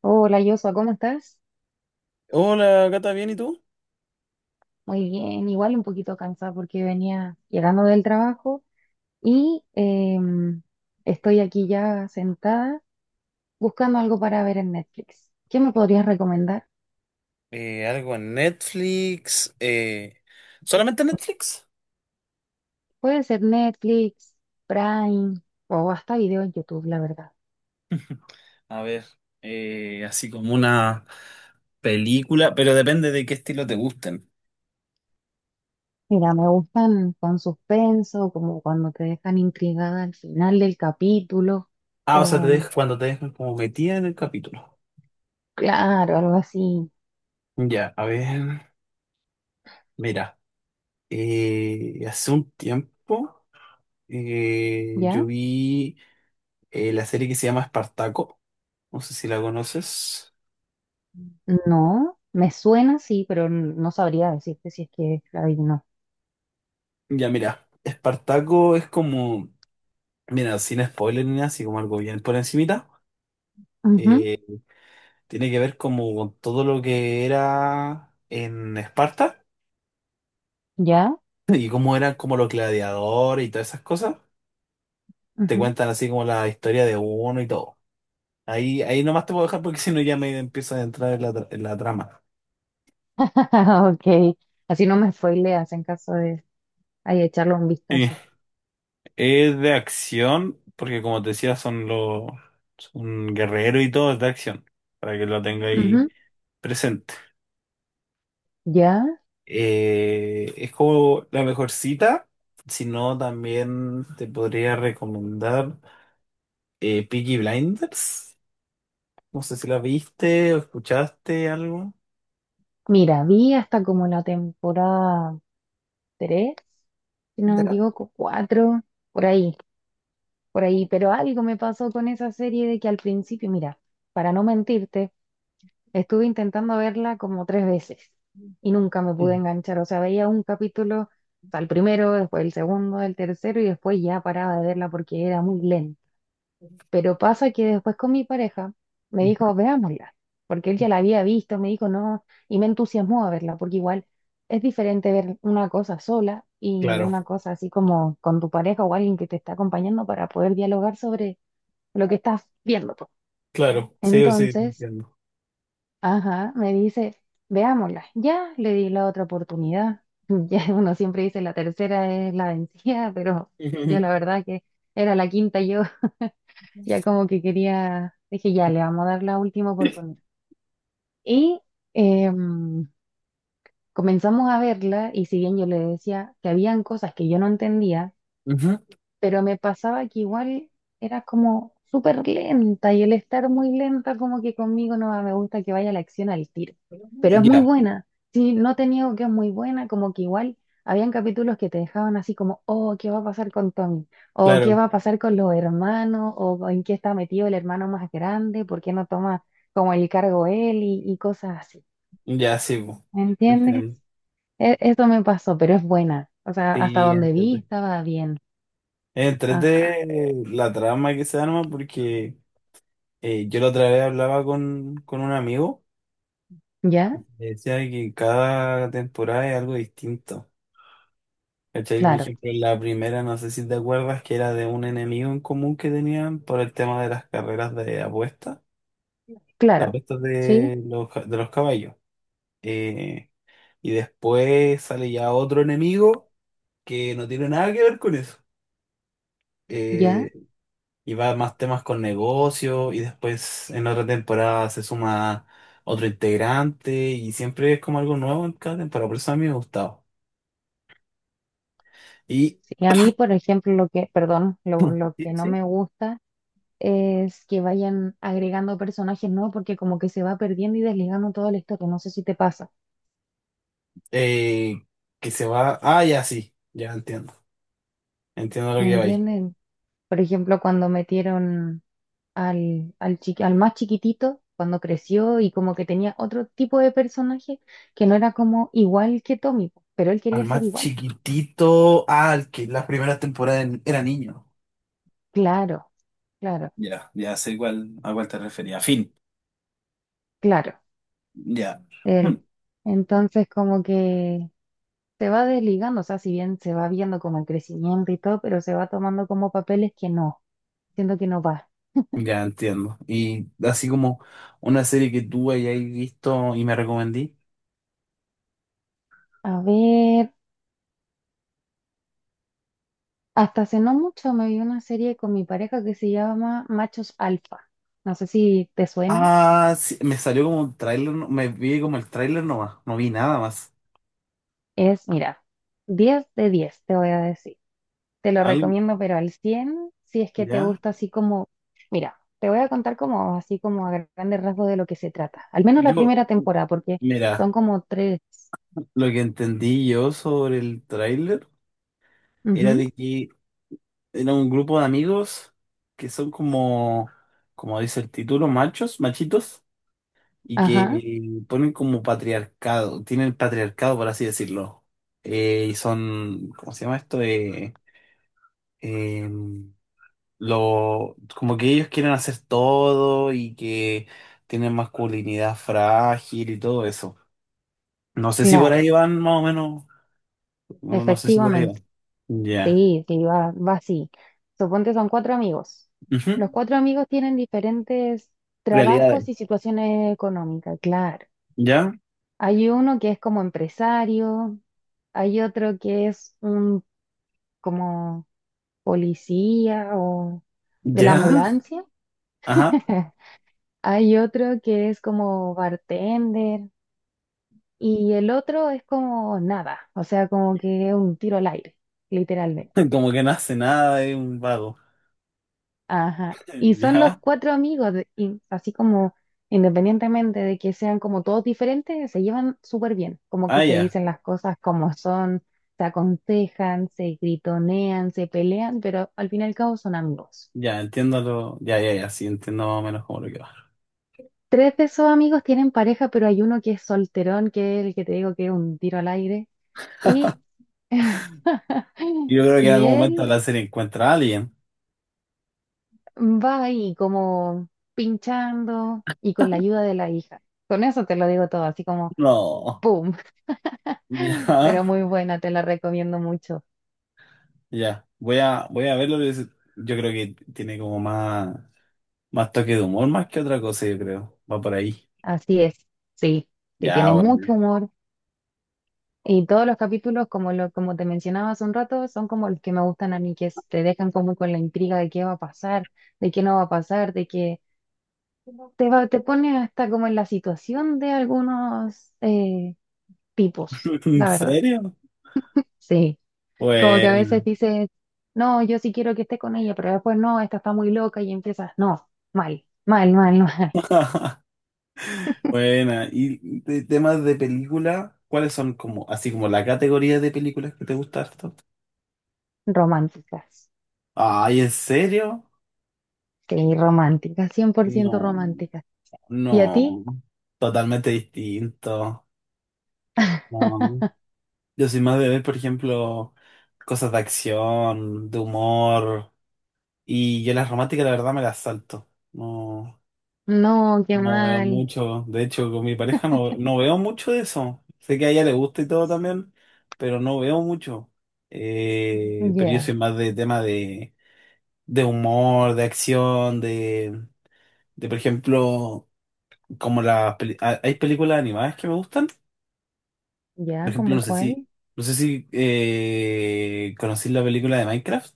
Hola, Joshua, ¿cómo estás? Hola, Gata, ¿bien y tú? Muy bien, igual un poquito cansada porque venía llegando del trabajo y estoy aquí ya sentada buscando algo para ver en Netflix. ¿Qué me podrías recomendar? Algo en Netflix. ¿Solamente Netflix? Puede ser Netflix, Prime o hasta video en YouTube, la verdad. A ver, así como una película, pero depende de qué estilo te gusten. Mira, me gustan con suspenso, como cuando te dejan intrigada al final del capítulo Ah, o sea, o cuando te dejan como metida en el capítulo. claro, algo así. Ya, a ver, mira, hace un tiempo yo ¿Ya? vi la serie que se llama Espartaco. No sé si la conoces. No, me suena sí, pero no sabría decirte si es que ahí no. Ya, mira, Espartaco es como. Mira, sin spoiler ni nada, así como algo bien por encimita, Ujú. eh, tiene que ver como con todo lo que era en Esparta ¿Ya? y cómo eran como los gladiadores y todas esas cosas. Te Ujú. cuentan así como la historia de uno y todo. Ahí nomás te puedo dejar porque si no ya me empiezo a entrar en la trama. Ok, así no me spoileas en caso de ahí echarle un Sí, vistazo. es de acción, porque como te decía, son guerreros y todo, es de acción, para que lo tenga ahí Ujú. presente. ¿Ya? Es como la mejor cita. Si no, también te podría recomendar Peaky Blinders. No sé si la viste o escuchaste algo. Mira, vi hasta como la temporada 3, si no me ¿Ya? equivoco, 4 por ahí, por ahí, pero algo me pasó con esa serie de que al principio, mira, para no mentirte, estuve intentando verla como tres veces y nunca me pude Mm, enganchar. O sea, veía un capítulo, o sea, el primero, después el segundo, el tercero y después ya paraba de verla porque era muy lenta. Pero pasa que después con mi pareja me mm. dijo, veámosla, porque él ya la había visto, me dijo, no, y me entusiasmó a verla, porque igual es diferente ver una cosa sola y Claro, una cosa así como con tu pareja o alguien que te está acompañando para poder dialogar sobre lo que estás viendo, pues. claro, sí o sí, te Entonces... entiendo. Ajá, me dice, veámosla. Ya le di la otra oportunidad. Ya uno siempre dice la tercera es la vencida, pero yo Ujú. la verdad que era la quinta yo. Ya como que quería, dije, ya le vamos a dar la última oportunidad. Y em, comenzamos a verla y si bien yo le decía que habían cosas que yo no entendía, Ujú. pero me pasaba que igual era como súper lenta y el estar muy lenta como que conmigo no va, me gusta que vaya la acción al tiro, pero es muy Ya, buena, sí, no te niego que es muy buena, como que igual habían capítulos que te dejaban así como, oh, ¿qué va a pasar con Tommy? ¿O qué claro, va a pasar con los hermanos? ¿O en qué está metido el hermano más grande? ¿Por qué no toma como el cargo él y cosas así? ya sí, po. ¿Me entiendes? Entiendo. Eso me pasó, pero es buena. O sea, hasta Sí, donde vi entrete. estaba bien. Entrete Ajá, eh, la trama que se arma porque yo la otra vez hablaba con un amigo. ¿ya? Me decía que cada temporada es algo distinto. ¿Cachai? Por Claro. ejemplo, en la primera, no sé si te acuerdas, que era de un enemigo en común que tenían por el tema de las carreras de apuestas, las Claro, apuestas sí, de de los caballos. Eh, y después sale ya otro enemigo que no tiene nada que ver con eso. ya. Eh, y va más temas con negocio y después en otra temporada se suma otro integrante y siempre es como algo nuevo en cada temporada. Por eso a mí me ha gustado. Y Sí, a mí, por ejemplo, lo que, perdón, lo sí, que no sí. me gusta es que vayan agregando personajes nuevos porque como que se va perdiendo y desligando todo la historia. No sé si te pasa, Eh, que se va. Ah, ya sí, ya entiendo. Entiendo lo ¿me que va ahí. entienden? Por ejemplo, cuando metieron al más chiquitito, cuando creció y como que tenía otro tipo de personaje que no era como igual que Tommy, pero él Al quería ser más igual. chiquitito, ah, al que las primeras era niño. Claro, claro, Ya, ya sé cuál, a cuál te refería. Fin. claro. Ya. Él. Hmm. Entonces, como que... se va desligando, o sea, si bien se va viendo como el crecimiento y todo, pero se va tomando como papeles que no, siento que no va. Ya entiendo. Y así como una serie que tú hayáis visto y me recomendí. A ver, hasta hace no mucho me vi una serie con mi pareja que se llama Machos Alfa. No sé si te suena. Ah, sí, me salió como un tráiler, me vi como el tráiler nomás, no vi nada más. Es, mira, 10 de 10 te voy a decir. Te lo Algo, recomiendo, pero al 100 si es que te ya. gusta así como, mira, te voy a contar como así como a grandes rasgos de lo que se trata. Al menos la Yo, primera temporada, porque son mira, como tres. lo que entendí yo sobre el tráiler era Ujú, de que era un grupo de amigos que son como dice el título, machos, machitos, y ajá, que ponen como patriarcado, tienen patriarcado, por así decirlo. Y son, ¿cómo se llama esto? Eh, Como que ellos quieren hacer todo y que tienen masculinidad frágil y todo eso. No sé si por ahí claro. van, más o menos. No, no sé si por ahí Efectivamente, van. Ya. sí, sí, va así. Suponte son cuatro amigos. Ujú. Los cuatro amigos tienen diferentes Realidades. trabajos y situaciones económicas, claro. ¿Ya? Hay uno que es como empresario, hay otro que es un como policía o de la ¿Ya? ambulancia, Ajá. hay otro que es como bartender y el otro es como nada, o sea, como que es un tiro al aire, literalmente. Como que no hace nada, es un vago. Ajá. Y son los Ya, cuatro amigos, y así como independientemente de que sean como todos diferentes, se llevan súper bien, como que ah, se ya, dicen las cosas como son, se aconsejan, se gritonean, se pelean, pero al fin y al cabo son amigos. ya, entiendo ya, ya, ya, sí, entiendo más o menos cómo lo que va. Tres de esos amigos tienen pareja, pero hay uno que es solterón, que es el que te digo que es un tiro al aire, y, Y yo creo que en y algún momento él la serie encuentra a alguien. va ahí como pinchando y con la ayuda de la hija. Con eso te lo digo todo, así como... No, ¡Pum! Pero ya, muy buena, te la recomiendo mucho. ya, voy a verlo, pero yo creo que tiene como más toque de humor más que otra cosa, yo creo, va por ahí. Así es, sí, sí, Ya, tiene mucho bueno. humor. Y todos los capítulos, como te mencionaba hace un rato, son como los que me gustan a mí, que te dejan como con la intriga de qué va a pasar, de qué no va a pasar, de que te pone hasta como en la situación de algunos tipos, ¿En la verdad. serio? Sí, como que a veces Bueno, dices, no, yo sí quiero que esté con ella, pero después no, esta está muy loca y empiezas, no, mal, mal, mal, mal, buena. Y de temas de película, ¿cuáles son como, así como la categoría de películas que te gusta harto? románticas. Ay, ¿en serio? Sí, romántica, 100% No, romántica. ¿Y a ti? no, totalmente distinto. No. Yo soy más de ver, por ejemplo, cosas de acción, de humor, y yo las románticas la verdad me las salto. No, No, qué no veo mal. mucho, de hecho con mi pareja no veo mucho de eso. Sé que a ella le gusta y todo también, pero no veo mucho. Pero yo Ya, soy más de de humor, de por ejemplo... como las peli- ha- hay películas animadas que me gustan. Por ya, ejemplo, ¿cómo cuál? no sé si conocí la película de Minecraft,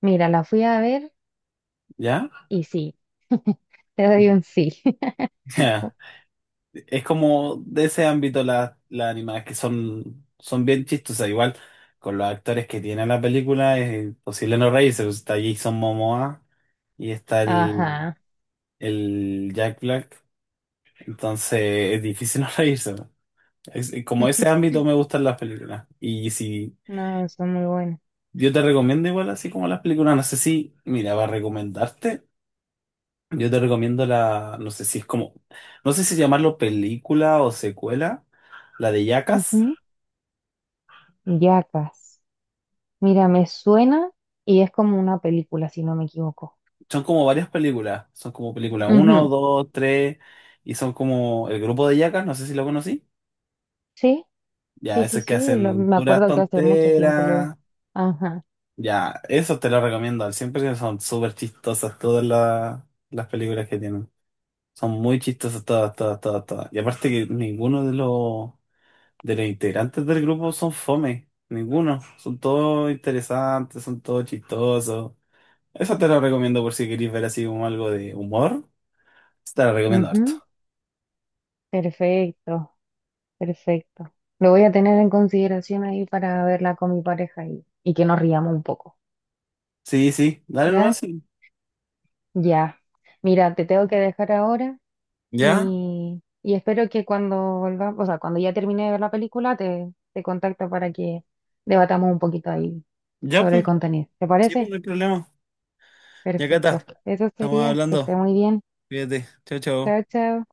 Mira, la fui a ver ¿ya? y sí, te doy un sí. Ya. Es como de ese ámbito las animadas que son bien chistosas. Igual con los actores que tiene la película es imposible no reírse, pues. Está Jason Momoa y Ajá. el Jack Black. Entonces es difícil no reírse, ¿no? Como ese ámbito me gustan las películas. Y si No, son muy buenas. yo te recomiendo igual, así como las películas, no sé si, mira, va a recomendarte. Yo te recomiendo la, No sé si es no sé si llamarlo película o secuela, la de Yacas. Ujú. Yacas. Mira, me suena y es como una película, si no me equivoco. Son como varias películas, son como película uno Ujú. 2 3 y son como el grupo de Yacas, no sé si lo conocí. Sí, Ya, sí, sí, esos que sí. Hacen Me puras acuerdo que hace mucho tiempo lo vi. tonteras. Ajá. Ya, eso te lo recomiendo al 100%, son súper chistosas las películas que tienen. Son muy chistosas todas. Y aparte que ninguno de los de los integrantes del grupo son fome, ninguno. Son todos interesantes, son todos chistosos. Esa te la recomiendo por si queréis ver así como algo de humor. Te la recomiendo harto. Ujú. Perfecto. Perfecto. Lo voy a tener en consideración ahí para verla con mi pareja y, que nos riamos un poco. Sí, sí, dale ¿Ya? nomás, sí. Ya. Mira, te tengo que dejar ahora ¿Ya? y espero que cuando volvamos, o sea, cuando ya termine de ver la película, te contacto para que debatamos un poquito ahí ¿Ya, sobre pues? el contenido. ¿Te Sí, pues parece? no hay problema. Ya acá Perfecto. está. Eso Estamos sería. Que esté hablando. muy bien. Cuídate. Chao, Chao, chao. chao.